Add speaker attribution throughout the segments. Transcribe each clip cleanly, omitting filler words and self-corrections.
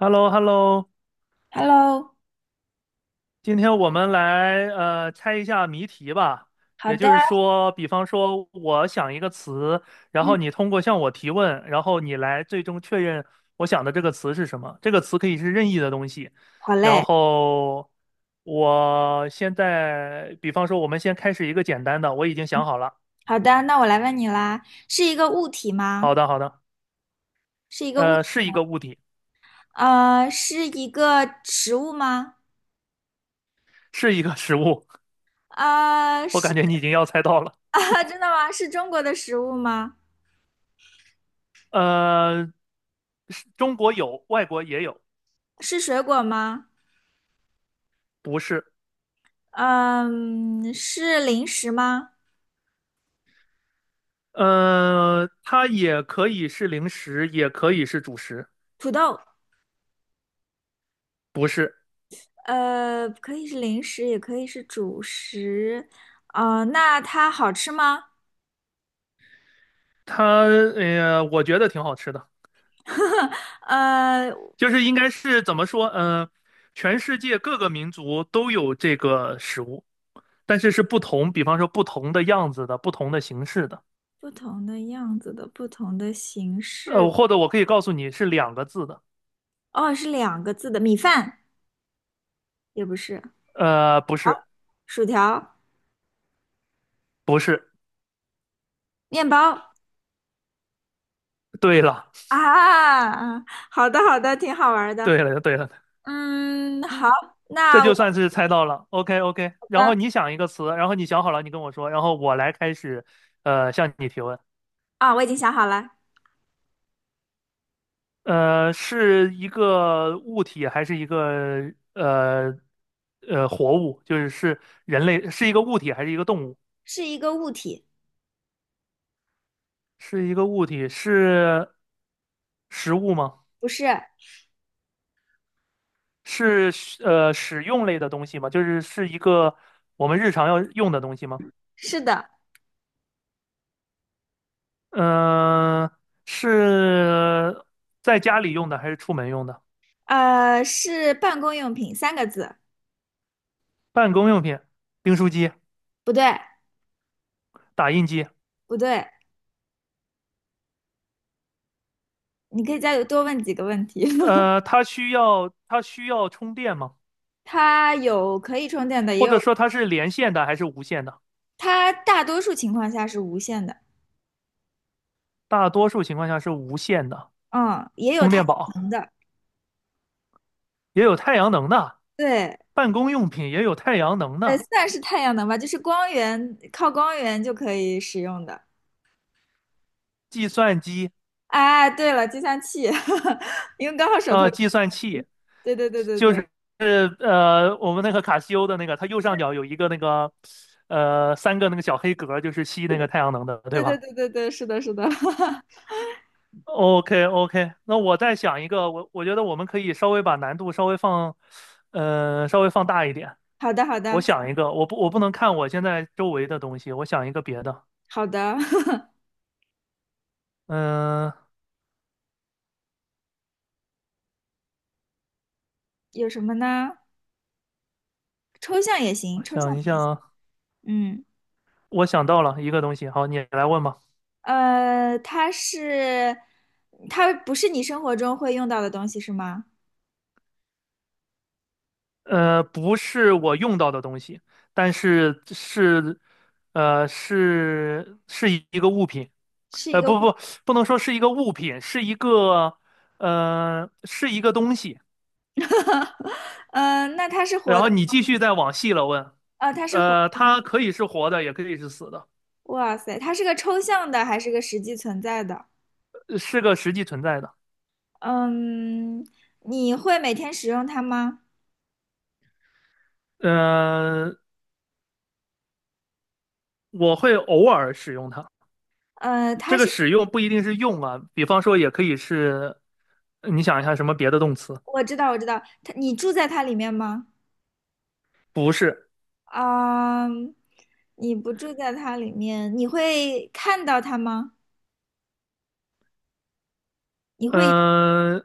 Speaker 1: h e l l o h e l l o
Speaker 2: Hello，
Speaker 1: 今天我们来猜一下谜题吧。
Speaker 2: 好
Speaker 1: 也
Speaker 2: 的，
Speaker 1: 就是说，比方说我想一个词，然
Speaker 2: 嗯，
Speaker 1: 后你通过向我提问，然后你来最终确认我想的这个词是什么。这个词可以是任意的东西。
Speaker 2: 好
Speaker 1: 然
Speaker 2: 嘞，
Speaker 1: 后我现在，比方说我们先开始一个简单的，我已经想好了。
Speaker 2: 好的，那我来问你啦，是一个物体
Speaker 1: 好
Speaker 2: 吗？
Speaker 1: 的，好的，是一个物体，
Speaker 2: 是一个食物吗？
Speaker 1: 是一个食物。
Speaker 2: 呃，
Speaker 1: 我
Speaker 2: 是，
Speaker 1: 感觉你已经要猜到了。
Speaker 2: 真的吗？是中国的食物吗？
Speaker 1: 呃，是中国有，外国也有，
Speaker 2: 是水果吗？
Speaker 1: 不是。
Speaker 2: 嗯，是零食吗？
Speaker 1: 它也可以是零食，也可以是主食，
Speaker 2: 土豆，
Speaker 1: 不是
Speaker 2: 可以是零食，也可以是主食。啊，那它好吃吗？
Speaker 1: 它，我觉得挺好吃的，
Speaker 2: 呃，
Speaker 1: 就是应该是怎么说，全世界各个民族都有这个食物，但是是不同，比方说不同的样子的，不同的形式的，
Speaker 2: 不同的样子的，不同的形式。
Speaker 1: 或者我可以告诉你是两个字的，
Speaker 2: 哦，是两个字的米饭。也不是，
Speaker 1: 不是，
Speaker 2: 好，薯条、
Speaker 1: 不是，
Speaker 2: 面包
Speaker 1: 对了，
Speaker 2: 啊，嗯好的好的，挺好玩儿的。
Speaker 1: 对了，对了，
Speaker 2: 嗯，好，
Speaker 1: 这
Speaker 2: 那我
Speaker 1: 就算是猜到了。OK OK，然
Speaker 2: 的
Speaker 1: 后你想一个词，然后你想好了，你跟我说，然后我来开始，向你提问。
Speaker 2: 啊，我已经想好了，
Speaker 1: 是一个物体还是一个活物？就是是人类，是一个物体还是一个动物？
Speaker 2: 是一个物体，
Speaker 1: 是一个物体，是食物吗？
Speaker 2: 不是，
Speaker 1: 是使用类的东西吗？就是是一个我们日常要用的东西吗？
Speaker 2: 是的，
Speaker 1: 嗯、是在家里用的还是出门用的？
Speaker 2: 是办公用品，三个字，
Speaker 1: 办公用品、订书机、
Speaker 2: 不对
Speaker 1: 打印机。
Speaker 2: 不对，你可以再多问几个问题。
Speaker 1: 它需要充电吗？
Speaker 2: 它有可以充电的，也
Speaker 1: 或者
Speaker 2: 有，
Speaker 1: 说它是连线的还是无线的？
Speaker 2: 它大多数情况下是无线的，
Speaker 1: 大多数情况下是无线的，
Speaker 2: 嗯，也有
Speaker 1: 充
Speaker 2: 太
Speaker 1: 电
Speaker 2: 阳
Speaker 1: 宝
Speaker 2: 能的，
Speaker 1: 也有太阳能的，
Speaker 2: 对。
Speaker 1: 办公用品也有太阳能的，
Speaker 2: 算是太阳能吧，就是光源，靠光源就可以使用的。
Speaker 1: 计算机
Speaker 2: 哎，对了，计算器，因为刚好手头有计
Speaker 1: 计算
Speaker 2: 算
Speaker 1: 器
Speaker 2: 器，对对对对
Speaker 1: 就
Speaker 2: 对
Speaker 1: 是我们那个卡西欧的那个，它右上角有一个那个三个那个小黑格，就是吸那个太阳能的，对
Speaker 2: 对对
Speaker 1: 吧？
Speaker 2: 对对对，是的，是的，
Speaker 1: OK OK，那我再想一个，我觉得我们可以稍微把难度稍微放，稍微放大一点。
Speaker 2: 好的好
Speaker 1: 我
Speaker 2: 的
Speaker 1: 想一个，我不能看我现在周围的东西，我想一个别的。
Speaker 2: 好的，
Speaker 1: 嗯、
Speaker 2: 有什么呢？抽象也行，
Speaker 1: 我
Speaker 2: 抽象
Speaker 1: 想
Speaker 2: 的
Speaker 1: 一
Speaker 2: 也行。
Speaker 1: 想，
Speaker 2: 嗯，
Speaker 1: 我想到了一个东西，好，你来问吧。
Speaker 2: 呃，它是，它不是你生活中会用到的东西是吗？
Speaker 1: 不是我用到的东西，但是是，是一个物品。
Speaker 2: 是一
Speaker 1: 呃，
Speaker 2: 个
Speaker 1: 不
Speaker 2: 物，
Speaker 1: 不，不能说是一个物品，是一个，是一个东西。
Speaker 2: 嗯、呃那它是活
Speaker 1: 然
Speaker 2: 的，
Speaker 1: 后你继续再往细了问，
Speaker 2: 它是活的。
Speaker 1: 它可以是活的，也可以是死的，
Speaker 2: 哇塞，它是个抽象的还是个实际存在的？
Speaker 1: 是个实际存在的。
Speaker 2: 嗯，你会每天使用它吗？
Speaker 1: 嗯、我会偶尔使用它，
Speaker 2: 呃，它
Speaker 1: 这个
Speaker 2: 是，
Speaker 1: 使用不一定是用啊，比方说也可以是，你想一下什么别的动词？
Speaker 2: 我知道，我知道，它，你住在它里面吗？
Speaker 1: 不是，
Speaker 2: 啊、你不住在它里面，你会看到它吗？你会有，
Speaker 1: 嗯、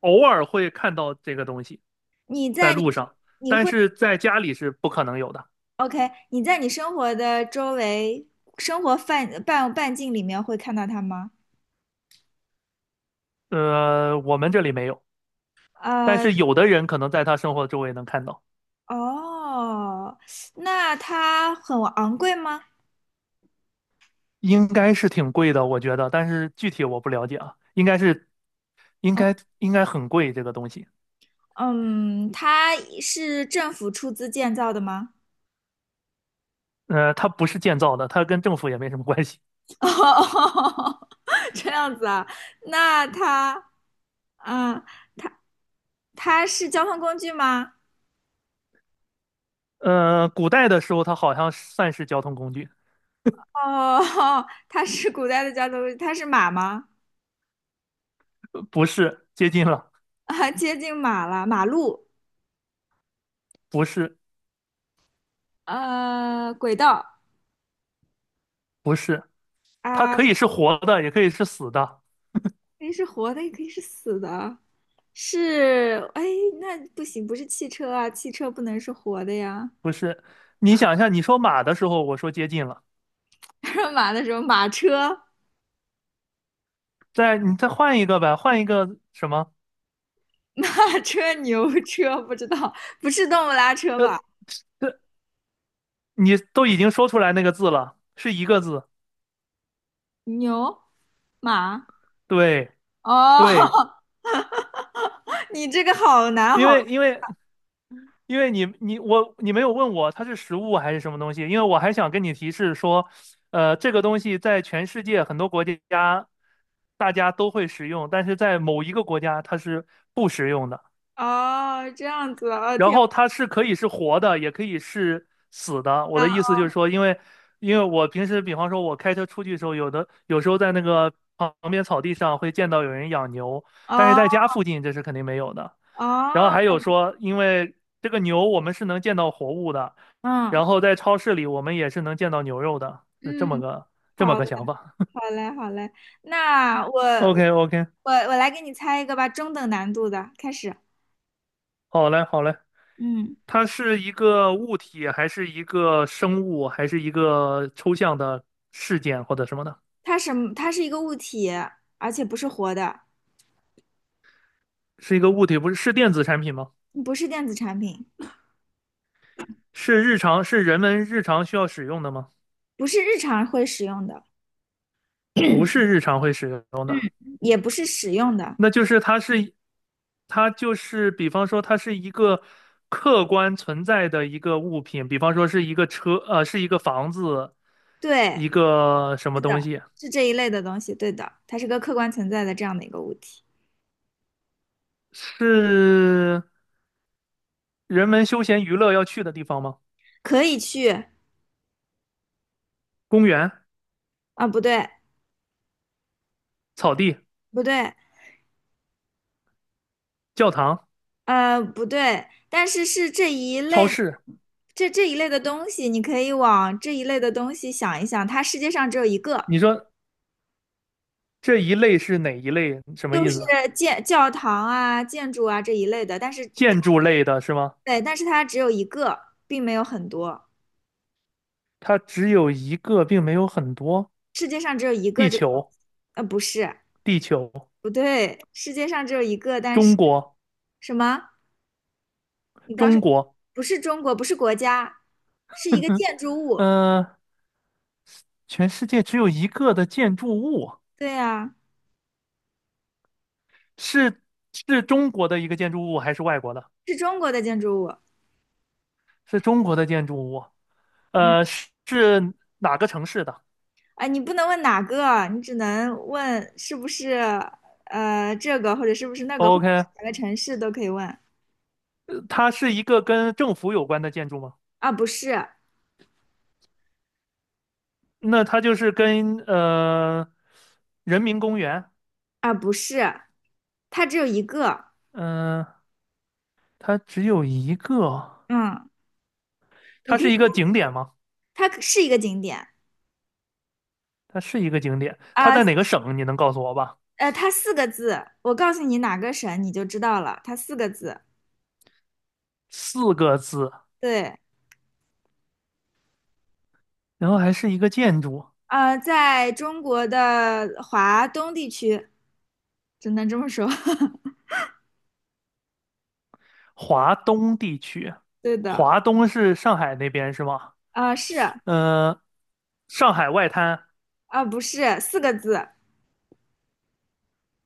Speaker 1: 偶尔会看到这个东西
Speaker 2: 你
Speaker 1: 在
Speaker 2: 在你，
Speaker 1: 路上，
Speaker 2: 你
Speaker 1: 但
Speaker 2: 会
Speaker 1: 是在家里是不可能有的。
Speaker 2: ，OK，你在你生活的周围，生活半径里面会看到它吗？
Speaker 1: 我们这里没有，但
Speaker 2: 呃，
Speaker 1: 是有的人可能在他生活周围能看到。
Speaker 2: 哦，那它很昂贵吗？
Speaker 1: 应该是挺贵的，我觉得，但是具体我不了解啊，应该是应该很贵这个东西。
Speaker 2: 嗯，它是政府出资建造的吗？
Speaker 1: 它不是建造的，它跟政府也没什么关系。
Speaker 2: 哦这样子啊，那它，嗯，它是交通工具吗？
Speaker 1: 古代的时候它好像算是交通工具，
Speaker 2: 哦，它是古代的交通工具，它是马吗？
Speaker 1: 不是，接近了，
Speaker 2: 啊，接近马了，马路，
Speaker 1: 不是，
Speaker 2: 呃，轨道
Speaker 1: 不是，它
Speaker 2: 啊，
Speaker 1: 可以是活的，也可以是死的。
Speaker 2: 可以是活的，也可以是死的，是，哎，那不行，不是汽车啊，汽车不能是活的呀。
Speaker 1: 你想一下，你说马的时候，我说接近了，
Speaker 2: 马的时候，马车
Speaker 1: 再换一个呗，换一个什么？
Speaker 2: 马车、牛车不知道，不是动物拉车
Speaker 1: 呃，
Speaker 2: 吧？
Speaker 1: 这你都已经说出来那个字了，是一个字，
Speaker 2: 牛、马，
Speaker 1: 对对，
Speaker 2: 哦，你这个好难
Speaker 1: 因
Speaker 2: 好，
Speaker 1: 为因为因为你没有问我它是食物还是什么东西，因为我还想跟你提示说，这个东西在全世界很多国家大家都会使用，但是在某一个国家它是不食用的。
Speaker 2: 哦，这样子啊，哦，
Speaker 1: 然
Speaker 2: 挺好
Speaker 1: 后它是可以是活的，也可以是死的。我的
Speaker 2: 的，
Speaker 1: 意思就是说，因为因为我平时比方说我开车出去的时候，有时候在那个旁边草地上会见到有人养牛，但是
Speaker 2: 哦
Speaker 1: 在家附近这是肯定没有的。然后还
Speaker 2: 哦，
Speaker 1: 有说，因为这个牛我们是能见到活物的，
Speaker 2: 嗯
Speaker 1: 然后在超市里我们也是能见到牛肉的，是
Speaker 2: 嗯，
Speaker 1: 这么
Speaker 2: 好
Speaker 1: 个
Speaker 2: 嘞，
Speaker 1: 想法。
Speaker 2: 好嘞，好嘞，那
Speaker 1: OK
Speaker 2: 我
Speaker 1: OK，
Speaker 2: 我我来给你猜一个吧，中等难度的，开始，
Speaker 1: 好嘞好嘞，
Speaker 2: 嗯，
Speaker 1: 它是一个物体，还是一个生物，还是一个抽象的事件或者什么的？
Speaker 2: 它什么？它是一个物体，而且不是活的，
Speaker 1: 是一个物体，不是，是电子产品吗？
Speaker 2: 不是电子产品，
Speaker 1: 是日常是人们日常需要使用的吗？
Speaker 2: 不是日常会使用的，
Speaker 1: 不 是日常会使用
Speaker 2: 嗯，
Speaker 1: 的。
Speaker 2: 也不是使用的。
Speaker 1: 那就是它是，它就是比方说它是一个客观存在的一个物品，比方说是一个车，是一个房子，
Speaker 2: 对，
Speaker 1: 一个什么东西，
Speaker 2: 是这一类的东西，对的，它是个客观存在的这样的一个物体，
Speaker 1: 是人们休闲娱乐要去的地方吗？
Speaker 2: 可以去
Speaker 1: 公园、
Speaker 2: 啊，不对，
Speaker 1: 草地、
Speaker 2: 不对，
Speaker 1: 教堂、
Speaker 2: 呃，不对，但是是这一
Speaker 1: 超
Speaker 2: 类的，
Speaker 1: 市，
Speaker 2: 这一类的东西，你可以往这一类的东西想一想，它世界上只有一个，
Speaker 1: 你说这一类是哪一类？什么
Speaker 2: 就
Speaker 1: 意
Speaker 2: 是
Speaker 1: 思？
Speaker 2: 建教堂啊、建筑啊这一类的，
Speaker 1: 建筑类的是吗？
Speaker 2: 但是它只有一个，并没有很多，
Speaker 1: 它只有一个，并没有很多。
Speaker 2: 世界上只有一个
Speaker 1: 地
Speaker 2: 这个东
Speaker 1: 球，
Speaker 2: 西，呃，不是，
Speaker 1: 地球，
Speaker 2: 不对，世界上只有一个，但是
Speaker 1: 中国，
Speaker 2: 什么？你刚说
Speaker 1: 中国，
Speaker 2: 不是中国，不是国家，是一个 建筑物。
Speaker 1: 嗯、全世界只有一个的建筑物，
Speaker 2: 对呀，
Speaker 1: 是是中国的一个建筑物还是外国的？
Speaker 2: 是中国的建筑物。
Speaker 1: 是中国的建筑物，
Speaker 2: 嗯，
Speaker 1: 哪个城市的
Speaker 2: 啊，你不能问哪个，你只能问是不是这个，或者是不是那个，或者是
Speaker 1: ？OK，
Speaker 2: 哪个城市都可以问。
Speaker 1: 它是一个跟政府有关的建筑吗？
Speaker 2: 啊，不是，
Speaker 1: 那它就是跟人民公园，
Speaker 2: 啊，不是，它只有一个。
Speaker 1: 嗯、它只有一个，
Speaker 2: 嗯，你
Speaker 1: 它
Speaker 2: 可
Speaker 1: 是
Speaker 2: 以，
Speaker 1: 一个景点吗？
Speaker 2: 它是一个景点。
Speaker 1: 它是一个景点，它
Speaker 2: 啊，
Speaker 1: 在哪个省？你能告诉我吧？
Speaker 2: 它四个字，我告诉你哪个省，你就知道了。它四个字。
Speaker 1: 四个字，
Speaker 2: 对，
Speaker 1: 然后还是一个建筑。
Speaker 2: 在中国的华东地区。只能这么说。
Speaker 1: 华东地区，
Speaker 2: 对的，
Speaker 1: 华东是上海那边是吗？
Speaker 2: 啊是啊
Speaker 1: 嗯、上海外滩，
Speaker 2: 不是四个字，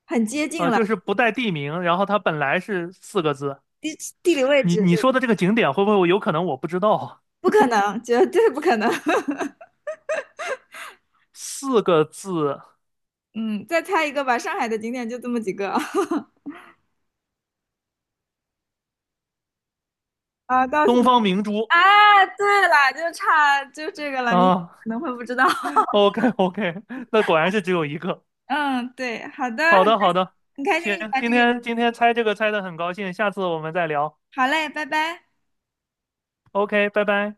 Speaker 2: 很接近了。
Speaker 1: 就是不带地名，然后它本来是四个字。
Speaker 2: 地地理位
Speaker 1: 你
Speaker 2: 置，
Speaker 1: 你说的这个景点会不会有可能我不知道啊
Speaker 2: 不可能，绝对不可能。
Speaker 1: 四个字，
Speaker 2: 嗯，再猜一个吧，上海的景点就这么几个。啊，告诉
Speaker 1: 东
Speaker 2: 你，
Speaker 1: 方明珠
Speaker 2: 啊，对了，就差这个了，你可
Speaker 1: 啊。
Speaker 2: 能会不知道。
Speaker 1: OK OK，OK，那果然是只有一个。
Speaker 2: 嗯，对，好的，
Speaker 1: 好的好的，
Speaker 2: 很开心，很开心
Speaker 1: 行，
Speaker 2: 跟你玩这
Speaker 1: 今
Speaker 2: 个
Speaker 1: 天今天猜这个猜的很高兴，下次我们再聊。
Speaker 2: 好嘞，拜拜。
Speaker 1: OK，拜拜。